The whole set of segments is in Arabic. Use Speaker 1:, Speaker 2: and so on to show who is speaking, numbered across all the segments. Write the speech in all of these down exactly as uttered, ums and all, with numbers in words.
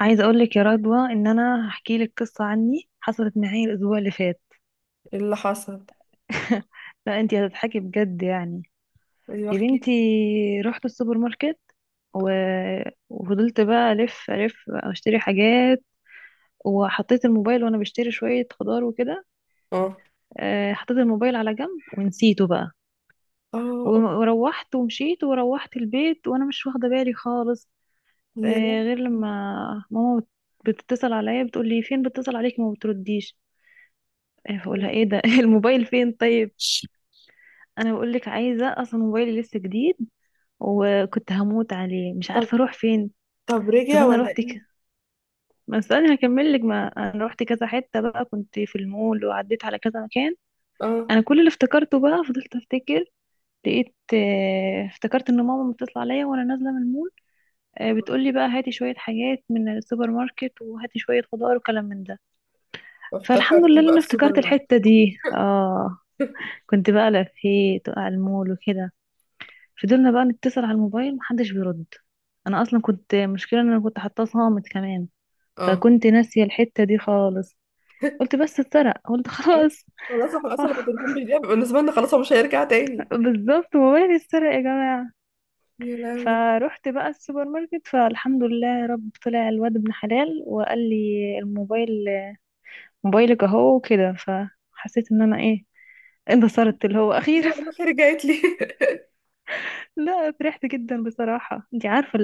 Speaker 1: عايزه اقول لك يا رضوى ان انا هحكي لك قصه عني حصلت معايا الاسبوع اللي فات.
Speaker 2: اللي حصل؟
Speaker 1: لا انتي هتضحكي بجد يعني.
Speaker 2: ايوه،
Speaker 1: يا
Speaker 2: احكي.
Speaker 1: بنتي، رحت السوبر ماركت و... وفضلت بقى الف الف اشتري حاجات وحطيت الموبايل وانا بشتري شويه خضار وكده.
Speaker 2: اه،
Speaker 1: آه، حطيت الموبايل على جنب ونسيته بقى. و-
Speaker 2: اه،
Speaker 1: وروحت ومشيت وروحت البيت وانا مش واخده بالي خالص.
Speaker 2: يا
Speaker 1: آه،
Speaker 2: لهوي.
Speaker 1: غير لما ماما بتتصل عليا بتقول لي فين، بتتصل عليك ما بترديش. إيه، بقولها ايه ده؟ الموبايل فين؟ طيب انا بقول لك، عايزه اصلا موبايلي لسه جديد وكنت هموت عليه، مش
Speaker 2: طب،
Speaker 1: عارفه اروح فين.
Speaker 2: طب
Speaker 1: طب
Speaker 2: رجع
Speaker 1: انا
Speaker 2: ولا
Speaker 1: رحت
Speaker 2: ايه؟
Speaker 1: ك... ما استني هكمل لك، ما انا رحت كذا حته بقى، كنت في المول وعديت على كذا مكان.
Speaker 2: اه،
Speaker 1: انا كل اللي افتكرته بقى، فضلت افتكر، لقيت آه، افتكرت ان ماما بتطلع عليا وانا نازله من المول. آه، بتقولي بقى هاتي شويه حاجات من السوبر ماركت وهاتي شويه خضار وكلام من ده. فالحمد لله
Speaker 2: افتكرتي
Speaker 1: ان
Speaker 2: بقى
Speaker 1: انا
Speaker 2: السوبر
Speaker 1: افتكرت
Speaker 2: ماركت.
Speaker 1: الحته دي. اه. كنت بقى لفيت وقع المول وكده. فضلنا بقى نتصل على الموبايل محدش بيرد. انا اصلا كنت مشكلة ان انا كنت حاطاه صامت كمان،
Speaker 2: اه،
Speaker 1: فكنت ناسية الحتة دي خالص. قلت بس اتسرق، قلت
Speaker 2: أيوة.
Speaker 1: خلاص.
Speaker 2: خلاص، احنا اصلا لما التليفون بيضيع بيبقى بالنسبه لنا خلاص، هو مش هيرجع تاني.
Speaker 1: بالظبط، موبايلي اتسرق يا جماعة.
Speaker 2: يا لهوي،
Speaker 1: فروحت بقى السوبر ماركت، فالحمد لله يا رب، طلع الواد ابن حلال وقال لي الموبايل، موبايلك اهو وكده. فحسيت ان انا ايه، انتصرت اللي هو
Speaker 2: لا
Speaker 1: اخيرا.
Speaker 2: والله، رجعت لي.
Speaker 1: لا، فرحت جدا بصراحة، انت عارفة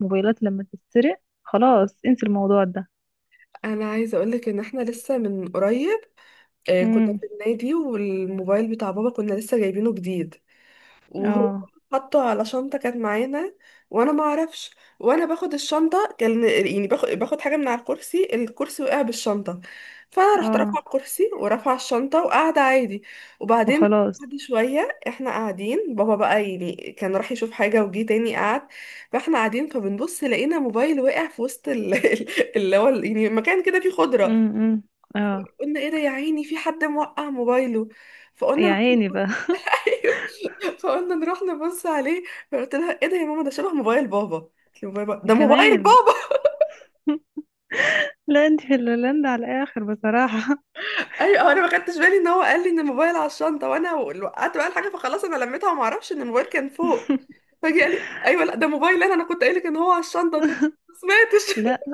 Speaker 1: الموبايلات لما تتسرق خلاص انسي الموضوع
Speaker 2: انا عايزه اقول لك ان احنا لسه من قريب آه، كنا
Speaker 1: ده.
Speaker 2: في النادي، والموبايل بتاع بابا كنا لسه جايبينه جديد، وهو
Speaker 1: اه.
Speaker 2: حطه على شنطة كانت معانا، وانا ما اعرفش، وانا باخد الشنطة كان يعني باخد باخد حاجة من على الكرسي، الكرسي وقع بالشنطة. فانا رحت رافعه
Speaker 1: اه.
Speaker 2: الكرسي ورافعه الشنطة وقاعدة عادي. وبعدين،
Speaker 1: وخلاص.
Speaker 2: بعد شوية احنا قاعدين، بابا بقى يعني كان راح يشوف حاجة وجي تاني قعد. فاحنا قاعدين فبنبص، لقينا موبايل وقع في وسط ال- ال- اللي هو ال- يعني مكان كده فيه خضرة.
Speaker 1: امم. اه.
Speaker 2: قلنا ايه ده يا عيني، في حد موقع موبايله. فقلنا
Speaker 1: يا عيني
Speaker 2: نروح-
Speaker 1: بقى.
Speaker 2: ايوه، فقلنا نروح نبص عليه. فقلت لها ايه ده يا ماما، ده شبه موبايل بابا. قلت لي موبايل بابا، ده موبايل
Speaker 1: كمان؟
Speaker 2: بابا.
Speaker 1: لا انت في الهولندا على الاخر بصراحة.
Speaker 2: ايوه، انا ما خدتش بالي ان هو قال لي ان الموبايل على الشنطه، وانا وقعت بقى الحاجه فخلاص، انا لميتها وما اعرفش ان الموبايل كان فوق. فجي قال لي ايوه لا ده موبايل، انا انا كنت قايل لك ان هو على الشنطه. قلت له ما سمعتش.
Speaker 1: لا،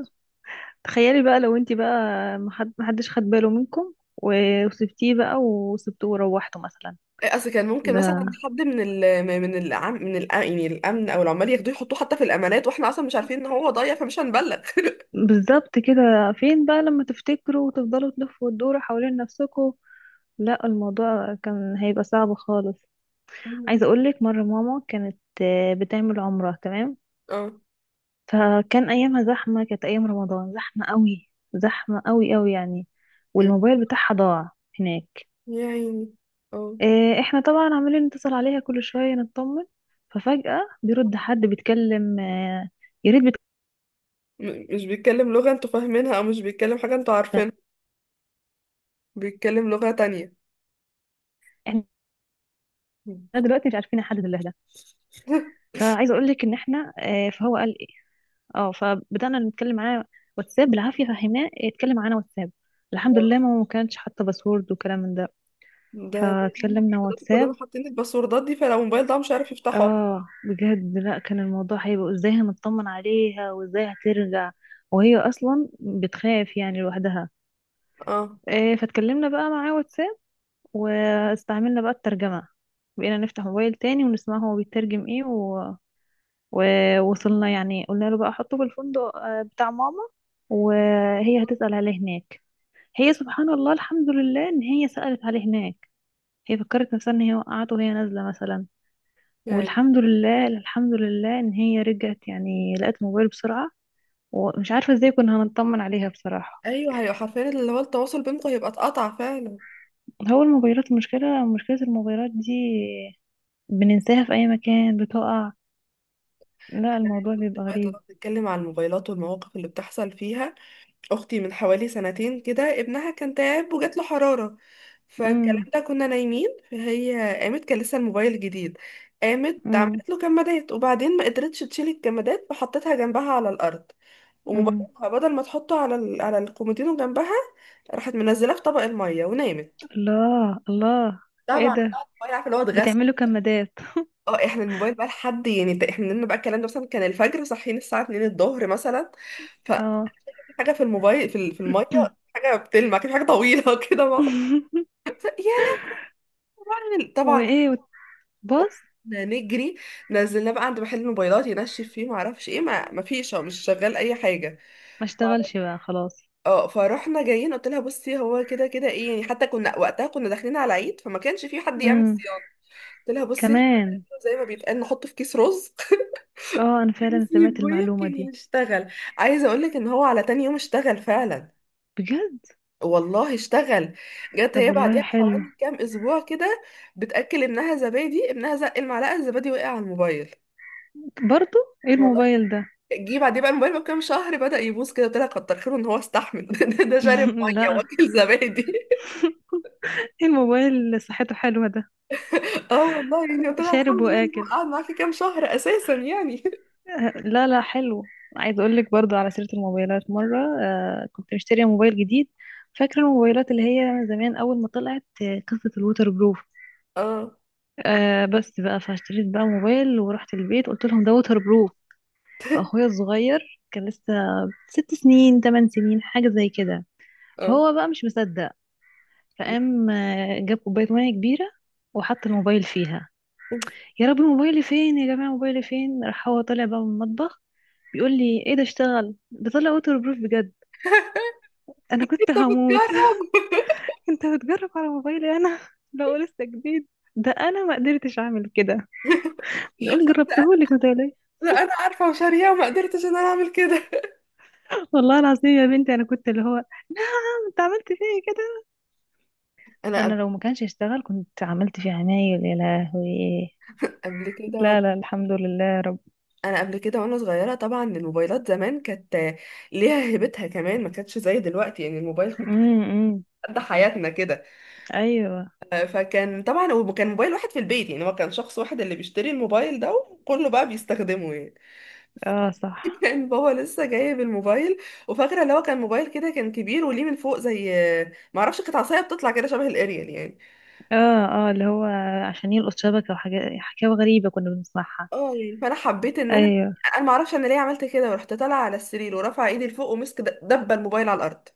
Speaker 1: تخيلي بقى لو انت بقى محد- محدش خد باله منكم و- وسبتيه بقى وسبتوه وروحته مثلا.
Speaker 2: اصل كان ممكن مثلا
Speaker 1: ده
Speaker 2: حد من ال من العم من الأ- يعني الامن او العمال ياخدوه يحطوه حتى في الامانات، واحنا اصلا مش عارفين ان هو ضايع فمش هنبلغ.
Speaker 1: بالظبط كده. فين بقى لما تفتكروا وتفضلوا تلفوا وتدوروا حوالين نفسكم؟ لا الموضوع كان هيبقى صعب خالص. عايزة اقولك، مرة ماما كانت آه، بتعمل عمرة، تمام؟
Speaker 2: اه،
Speaker 1: فكان ايامها زحمه، كانت ايام رمضان زحمه قوي، زحمه قوي قوي يعني.
Speaker 2: م-
Speaker 1: والموبايل بتاعها ضاع هناك.
Speaker 2: يا عيني. اه،
Speaker 1: إيه، احنا طبعا عمالين نتصل عليها كل شويه نطمن. ففجاه بيرد حد بيتكلم، آه، يا ريت بيتكلم.
Speaker 2: م- مش بيتكلم لغة انتوا فاهمينها، او مش بيتكلم حاجة انتوا عارفينها، بيتكلم لغة تانية.
Speaker 1: احنا دلوقتي مش عارفين حد لله ده. فعايزه اقول لك ان احنا آه، فهو قال ايه. اه، فبدانا نتكلم معاه واتساب بالعافيه، فهمناه يتكلم معانا واتساب. الحمد
Speaker 2: آه.
Speaker 1: لله ماما ما كانتش حاطه باسورد وكلام من ده،
Speaker 2: ده هم
Speaker 1: فاتكلمنا
Speaker 2: حضرتك كلنا
Speaker 1: واتساب.
Speaker 2: حاطين الباسوردات دي، فلو الموبايل ده مش عارف يفتحه اصلا.
Speaker 1: اه بجد، لا كان الموضوع هيبقى ازاي هنطمن عليها وازاي هترجع، وهي اصلا بتخاف يعني لوحدها.
Speaker 2: اه،
Speaker 1: إيه، فاتكلمنا بقى معاه واتساب واستعملنا بقى الترجمة، بقينا نفتح موبايل تاني ونسمع هو بيترجم ايه و... ووصلنا يعني. قلنا له بقى حطه بالفندق آه، بتاع ماما وهي هتسأل عليه هناك. هي سبحان الله الحمد لله ان هي سألت عليه هناك. هي فكرت نفسها ان هي وقعت وهي نازلة مثلا.
Speaker 2: يعني
Speaker 1: والحمد لله، الحمد لله ان هي رجعت يعني، لقت موبايل بسرعة. ومش عارفة ازاي كنا هنطمن عليها بصراحة.
Speaker 2: ايوه، هي حرفيا اللي هو التواصل بينكم هيبقى اتقطع فعلا.
Speaker 1: هو الموبايلات، المشكلة مشكلة الموبايلات دي بننساها في اي مكان بتقع. لا
Speaker 2: انا
Speaker 1: الموضوع
Speaker 2: دلوقتي
Speaker 1: بيبقى
Speaker 2: بقى
Speaker 1: غريب.
Speaker 2: طالما بنتكلم عن الموبايلات والمواقف اللي بتحصل فيها، اختي من حوالي سنتين كده، ابنها كان تعب وجات له حراره. فالكلام
Speaker 1: امم.
Speaker 2: ده كنا نايمين، فهي قامت، كان لسه الموبايل جديد. قامت
Speaker 1: امم.
Speaker 2: عملت له كمادات، وبعدين ما قدرتش تشيل الكمادات فحطتها جنبها على الارض.
Speaker 1: امم.
Speaker 2: وموبايلها بدل ما تحطه على ال... على الكومودينو جنبها، راحت منزلاه في طبق الميه ونامت.
Speaker 1: الله الله. ايه
Speaker 2: طبعا بقى
Speaker 1: ده،
Speaker 2: الموبايل، عارفه اللي هو اتغسل.
Speaker 1: بتعملوا كمادات؟
Speaker 2: اه، احنا الموبايل بقى لحد يعني، ده احنا نمنا بقى الكلام ده، مثلا كان الفجر، صاحيين الساعه اتنين الظهر مثلا.
Speaker 1: اه.
Speaker 2: في حاجه في الموبايل في ال- في الميه، حاجه بتلمع كده، حاجه طويله كده مع- يا لهوي، طبعا.
Speaker 1: وايه؟ بص.
Speaker 2: قمنا نجري، نزلنا بقى عند محل موبايلات ينشف فيه، ما اعرفش ايه، ما ما فيش، هو مش شغال اي حاجه.
Speaker 1: ما اشتغلش بقى، خلاص.
Speaker 2: اه، فروحنا جايين قلت لها بصي، هو كده كده ايه يعني، حتى كنا وقتها كنا داخلين على عيد فما كانش في حد يعمل
Speaker 1: امم.
Speaker 2: صيانه. قلت لها بصي، احنا
Speaker 1: كمان؟
Speaker 2: هنعمله زي ما بيتقال، نحطه في كيس رز
Speaker 1: اه انا فعلا سمعت
Speaker 2: ونسيبه
Speaker 1: المعلومة
Speaker 2: يمكن
Speaker 1: دي.
Speaker 2: يشتغل. عايزه اقول لك ان هو على تاني يوم اشتغل فعلا،
Speaker 1: بجد؟
Speaker 2: والله اشتغل. جت
Speaker 1: طب
Speaker 2: هي
Speaker 1: والله
Speaker 2: بعديها
Speaker 1: حلو.
Speaker 2: بحوالي كام اسبوع كده، بتاكل ابنها زبادي، ابنها زق المعلقه، الزبادي وقع على الموبايل،
Speaker 1: برضو؟ ايه
Speaker 2: والله.
Speaker 1: الموبايل ده؟
Speaker 2: جه بعديه بقى الموبايل بكام شهر بدأ يبوظ كده. قلت لها كتر خيره ان هو استحمل، ده ده شارب ميه
Speaker 1: لا،
Speaker 2: واكل زبادي.
Speaker 1: ايه الموبايل اللي صحته حلوة ده؟
Speaker 2: اه والله، يعني قلت لها
Speaker 1: شارب
Speaker 2: الحمد لله ان هو
Speaker 1: واكل.
Speaker 2: قعد معاكي كام شهر اساسا يعني.
Speaker 1: آه، لا لا، حلو. عايز اقول لك برضو على سيرة الموبايلات، مرة آه، كنت مشترية موبايل جديد. فاكرة الموبايلات اللي هي زمان اول ما طلعت، آه، قصة الووتر بروف.
Speaker 2: اه،
Speaker 1: آه بس بقى، فاشتريت بقى موبايل ورحت البيت قلت لهم ده ووتر بروف. فاخويا الصغير كان لسه ست سنين تمن سنين حاجة زي كده.
Speaker 2: اه.
Speaker 1: فهو بقى مش مصدق، فقام آه، جاب كوباية مية كبيرة وحط الموبايل فيها. يا رب، موبايلي فين يا جماعة؟ موبايلي فين؟ راح هو طالع بقى من المطبخ بيقول لي ايه ده اشتغل؟ ده طلع ووتر بروف بجد. انا كنت
Speaker 2: انت
Speaker 1: هموت.
Speaker 2: بتجرب؟
Speaker 1: انت بتجرب على موبايلي انا؟ بقول لسه جديد، ده انا ما قدرتش اعمل كده. بيقول
Speaker 2: ده انا
Speaker 1: جربتهولك متهيألي.
Speaker 2: ده أنا عارفه وشاريه وما قدرتش ان انا اعمل كده.
Speaker 1: والله العظيم يا بنتي، انا كنت اللي هو، نعم، انت عملت فيا كده؟
Speaker 2: انا قبل
Speaker 1: انا لو ما كانش اشتغل كنت عملت فيه عمايل يا لهوي.
Speaker 2: قبل كده
Speaker 1: لا لا، الحمد لله يا رب.
Speaker 2: انا قبل كده وانا صغيره، طبعا الموبايلات زمان كانت ليها هيبتها، كمان ما كانتش زي دلوقتي. يعني الموبايل كنت
Speaker 1: امم. أمم.
Speaker 2: قد حياتنا كده.
Speaker 1: ايوه.
Speaker 2: آه، فكان طبعا، وكان موبايل واحد في البيت، يعني هو كان شخص واحد اللي بيشتري الموبايل ده وكله بقى بيستخدمه يعني.
Speaker 1: اه صح.
Speaker 2: كان بابا لسه جايب الموبايل، وفاكره اللي هو كان موبايل كده، كان كبير وليه من فوق، زي ما اعرفش، كانت عصايه بتطلع كده شبه الاريال يعني.
Speaker 1: اه. اه، اللي هو عشان يلقط شبكة وحاجات، حكاوي غريبة كنا بنسمعها.
Speaker 2: اه يعني، فانا حبيت ان انا
Speaker 1: ايوه.
Speaker 2: انا ما اعرفش انا ليه عملت كده، ورحت طالعه على السرير ورافعه ايدي لفوق، ومسك د- دبه الموبايل على الارض.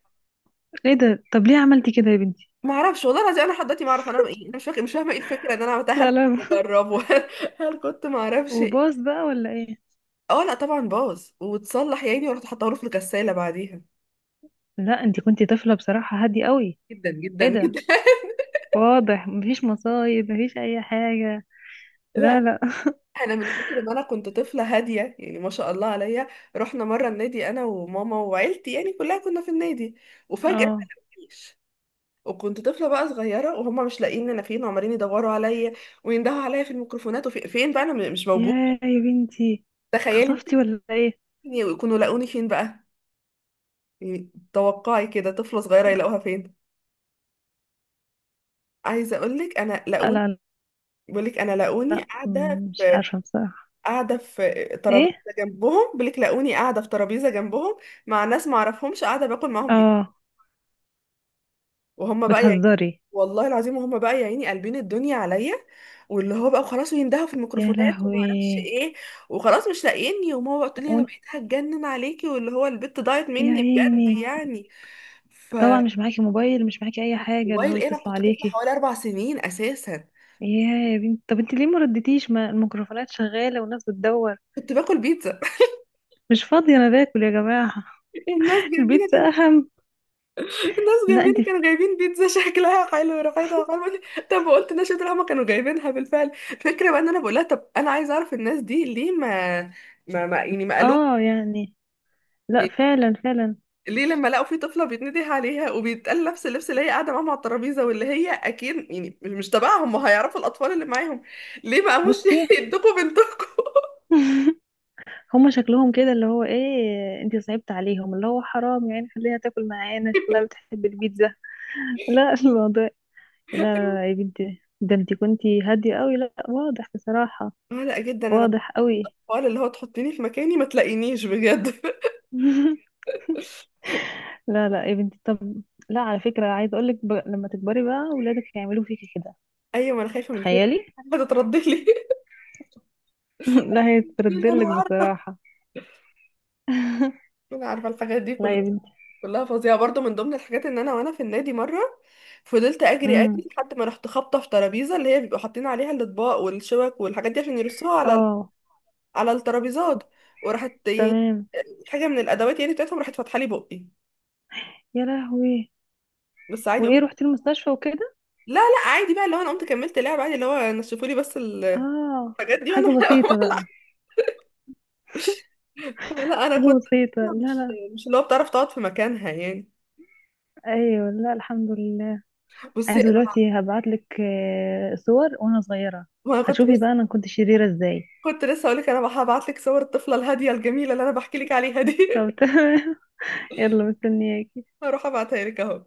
Speaker 1: ايه ده؟ طب ليه عملتي كده يا بنتي؟
Speaker 2: ما اعرفش والله العظيم، انا لحد دلوقتي ما اعرف انا ايه، انا مش فاكره، مش فاهمه ايه الفكره ان انا عملتها. هل
Speaker 1: لا
Speaker 2: كنت
Speaker 1: لا.
Speaker 2: بجربه؟ هل كنت؟ ما اعرفش ايه.
Speaker 1: وباص بقى ولا ايه؟
Speaker 2: اه لا طبعا، باظ واتصلح يا عيني، ورحت حطاه له في الغساله بعديها.
Speaker 1: لا انتي كنتي طفلة بصراحة هادية قوي.
Speaker 2: جدا
Speaker 1: ايه
Speaker 2: جدا
Speaker 1: ده؟
Speaker 2: جدا.
Speaker 1: واضح مفيش مصايب، مفيش اي حاجة. لا
Speaker 2: لا،
Speaker 1: لا.
Speaker 2: انا من كتر ما انا كنت طفله هاديه، يعني ما شاء الله عليا. رحنا مره النادي، انا وماما وعيلتي يعني كلها، كنا في النادي. وفجاه ما
Speaker 1: اه.
Speaker 2: لقونيش، وكنت طفله بقى صغيره، وهم مش لاقيين انا فين، وعمالين يدوروا عليا ويندهوا عليا في الميكروفونات، وفين بقى انا، م- مش موجوده.
Speaker 1: يا يا بنتي،
Speaker 2: تخيلي ممكن
Speaker 1: اتخطفتي ولا ايه؟
Speaker 2: يكونوا لاقوني فين بقى. إيه، توقعي كده طفلة صغيرة يلاقوها فين. عايزة أقولك، أنا
Speaker 1: لا
Speaker 2: لاقوني.
Speaker 1: لا
Speaker 2: بقولك أنا لاقوني
Speaker 1: لا.
Speaker 2: قاعدة
Speaker 1: مم، مش
Speaker 2: في
Speaker 1: عارفة بصراحة.
Speaker 2: قاعدة في ترابيزة
Speaker 1: ايه.
Speaker 2: جنبهم. بقولك لاقوني قاعدة في ترابيزة جنبهم، مع ناس معرفهمش، قاعدة باكل معاهم بيتزا.
Speaker 1: اه.
Speaker 2: وهم بقى يعني،
Speaker 1: بتهزري؟
Speaker 2: والله العظيم، وهم بقى يا عيني قلبين الدنيا عليا، واللي هو بقى خلاص، ويندهوا في
Speaker 1: يا
Speaker 2: الميكروفونات وما
Speaker 1: لهوي.
Speaker 2: اعرفش ايه، وخلاص مش لاقيني. وماما بقى تقول لي، انا
Speaker 1: وانت-
Speaker 2: بقيت هتجنن عليكي، واللي هو البت ضاعت
Speaker 1: يا
Speaker 2: مني بجد
Speaker 1: عيني،
Speaker 2: يعني.
Speaker 1: طبعا
Speaker 2: فموبايل،
Speaker 1: مش معاكي موبايل، مش معاكي اي حاجة اللي هو
Speaker 2: ايه، انا
Speaker 1: يتصلوا
Speaker 2: كنت طفله
Speaker 1: عليكي.
Speaker 2: حوالي اربع سنين اساسا.
Speaker 1: يا يا بنت، طب انت ليه ما ردتيش، ما الميكروفونات شغالة والناس بتدور؟
Speaker 2: كنت باكل بيتزا.
Speaker 1: مش فاضية انا باكل يا جماعة.
Speaker 2: الناس جنبينا
Speaker 1: البيتزا
Speaker 2: كان
Speaker 1: اهم.
Speaker 2: الناس
Speaker 1: لا انت.
Speaker 2: جنبينا كانوا جايبين بيتزا شكلها حلو، وريحتها حلوه، بقول لي، طب قلت لها شاطر، هما كانوا جايبينها بالفعل. الفكره بقى ان انا بقول لها، طب انا عايزه اعرف الناس دي ليه ما ما, ما يعني ما قالوا
Speaker 1: اه يعني لا، فعلا فعلا.
Speaker 2: ليه، لما لقوا في طفله بيتنده عليها وبيتقال نفس اللبس اللي هي قاعده معاهم على الترابيزه، واللي هي اكيد يعني مش تبعهم، ما هيعرفوا الاطفال اللي معاهم، ليه ما قاموش
Speaker 1: بصي.
Speaker 2: يدوكوا بنتكم.
Speaker 1: هما شكلهم كده اللي هو ايه، انت صعبت عليهم اللي هو حرام يعني، خليها تاكل معانا شكلها بتحب البيتزا. لا الموضوع. لا لا لا يا بنتي، ده انت كنتي هادية قوي. لا واضح بصراحة،
Speaker 2: قلق جدا انا
Speaker 1: واضح قوي.
Speaker 2: الحوار اللي هو تحطيني في مكاني ما تلاقينيش بجد.
Speaker 1: لا لا يا بنتي، طب لا على فكرة، عايزة اقولك ب... لما تكبري بقى ولادك هيعملوا فيكي كده.
Speaker 2: ايوه، ما انا خايفه من كده،
Speaker 1: تخيلي.
Speaker 2: هتتردلي.
Speaker 1: لا
Speaker 2: يعني انا
Speaker 1: هيتردلك
Speaker 2: عارفه
Speaker 1: بصراحة.
Speaker 2: انا عارفه الحاجات دي
Speaker 1: لا يا
Speaker 2: كلها،
Speaker 1: بنتي.
Speaker 2: كلها فظيعه. برضو من ضمن الحاجات، ان انا وانا في النادي مره، فضلت اجري اجري
Speaker 1: امم.
Speaker 2: لحد ما رحت خابطه في ترابيزه اللي هي بيبقوا حاطين عليها الاطباق والشوك والحاجات دي، عشان يرصوها على
Speaker 1: اه
Speaker 2: على الترابيزات. وراحت يعني
Speaker 1: تمام.
Speaker 2: حاجه من الادوات يعني بتاعتهم راحت فاتحه لي بقي،
Speaker 1: يا لهوي.
Speaker 2: بس عادي
Speaker 1: وايه،
Speaker 2: قمت.
Speaker 1: رحتي المستشفى وكده؟
Speaker 2: لا لا، عادي بقى، اللي هو انا قمت كملت لعب عادي، اللي هو نشفوا لي بس الحاجات
Speaker 1: اه.
Speaker 2: دي وانا.
Speaker 1: حاجة بسيطة بقى.
Speaker 2: لا انا
Speaker 1: حاجة
Speaker 2: كنت
Speaker 1: بسيطة لا
Speaker 2: مش
Speaker 1: لا.
Speaker 2: مش اللي هو بتعرف تقعد في مكانها يعني.
Speaker 1: ايوه لا الحمد لله.
Speaker 2: بصي
Speaker 1: عايزة
Speaker 2: انا،
Speaker 1: دلوقتي هبعتلك آه، صور وانا صغيرة،
Speaker 2: ما أنا كنت،
Speaker 1: هتشوفي
Speaker 2: بس
Speaker 1: بقى انا كنت شريرة ازاي.
Speaker 2: كنت لسه هقولك انا هبعت لك صور الطفله الهاديه الجميله اللي انا بحكي لك عليها دي.
Speaker 1: طب تمام. يلا مستنياك.
Speaker 2: هروح ابعتها لك اهو.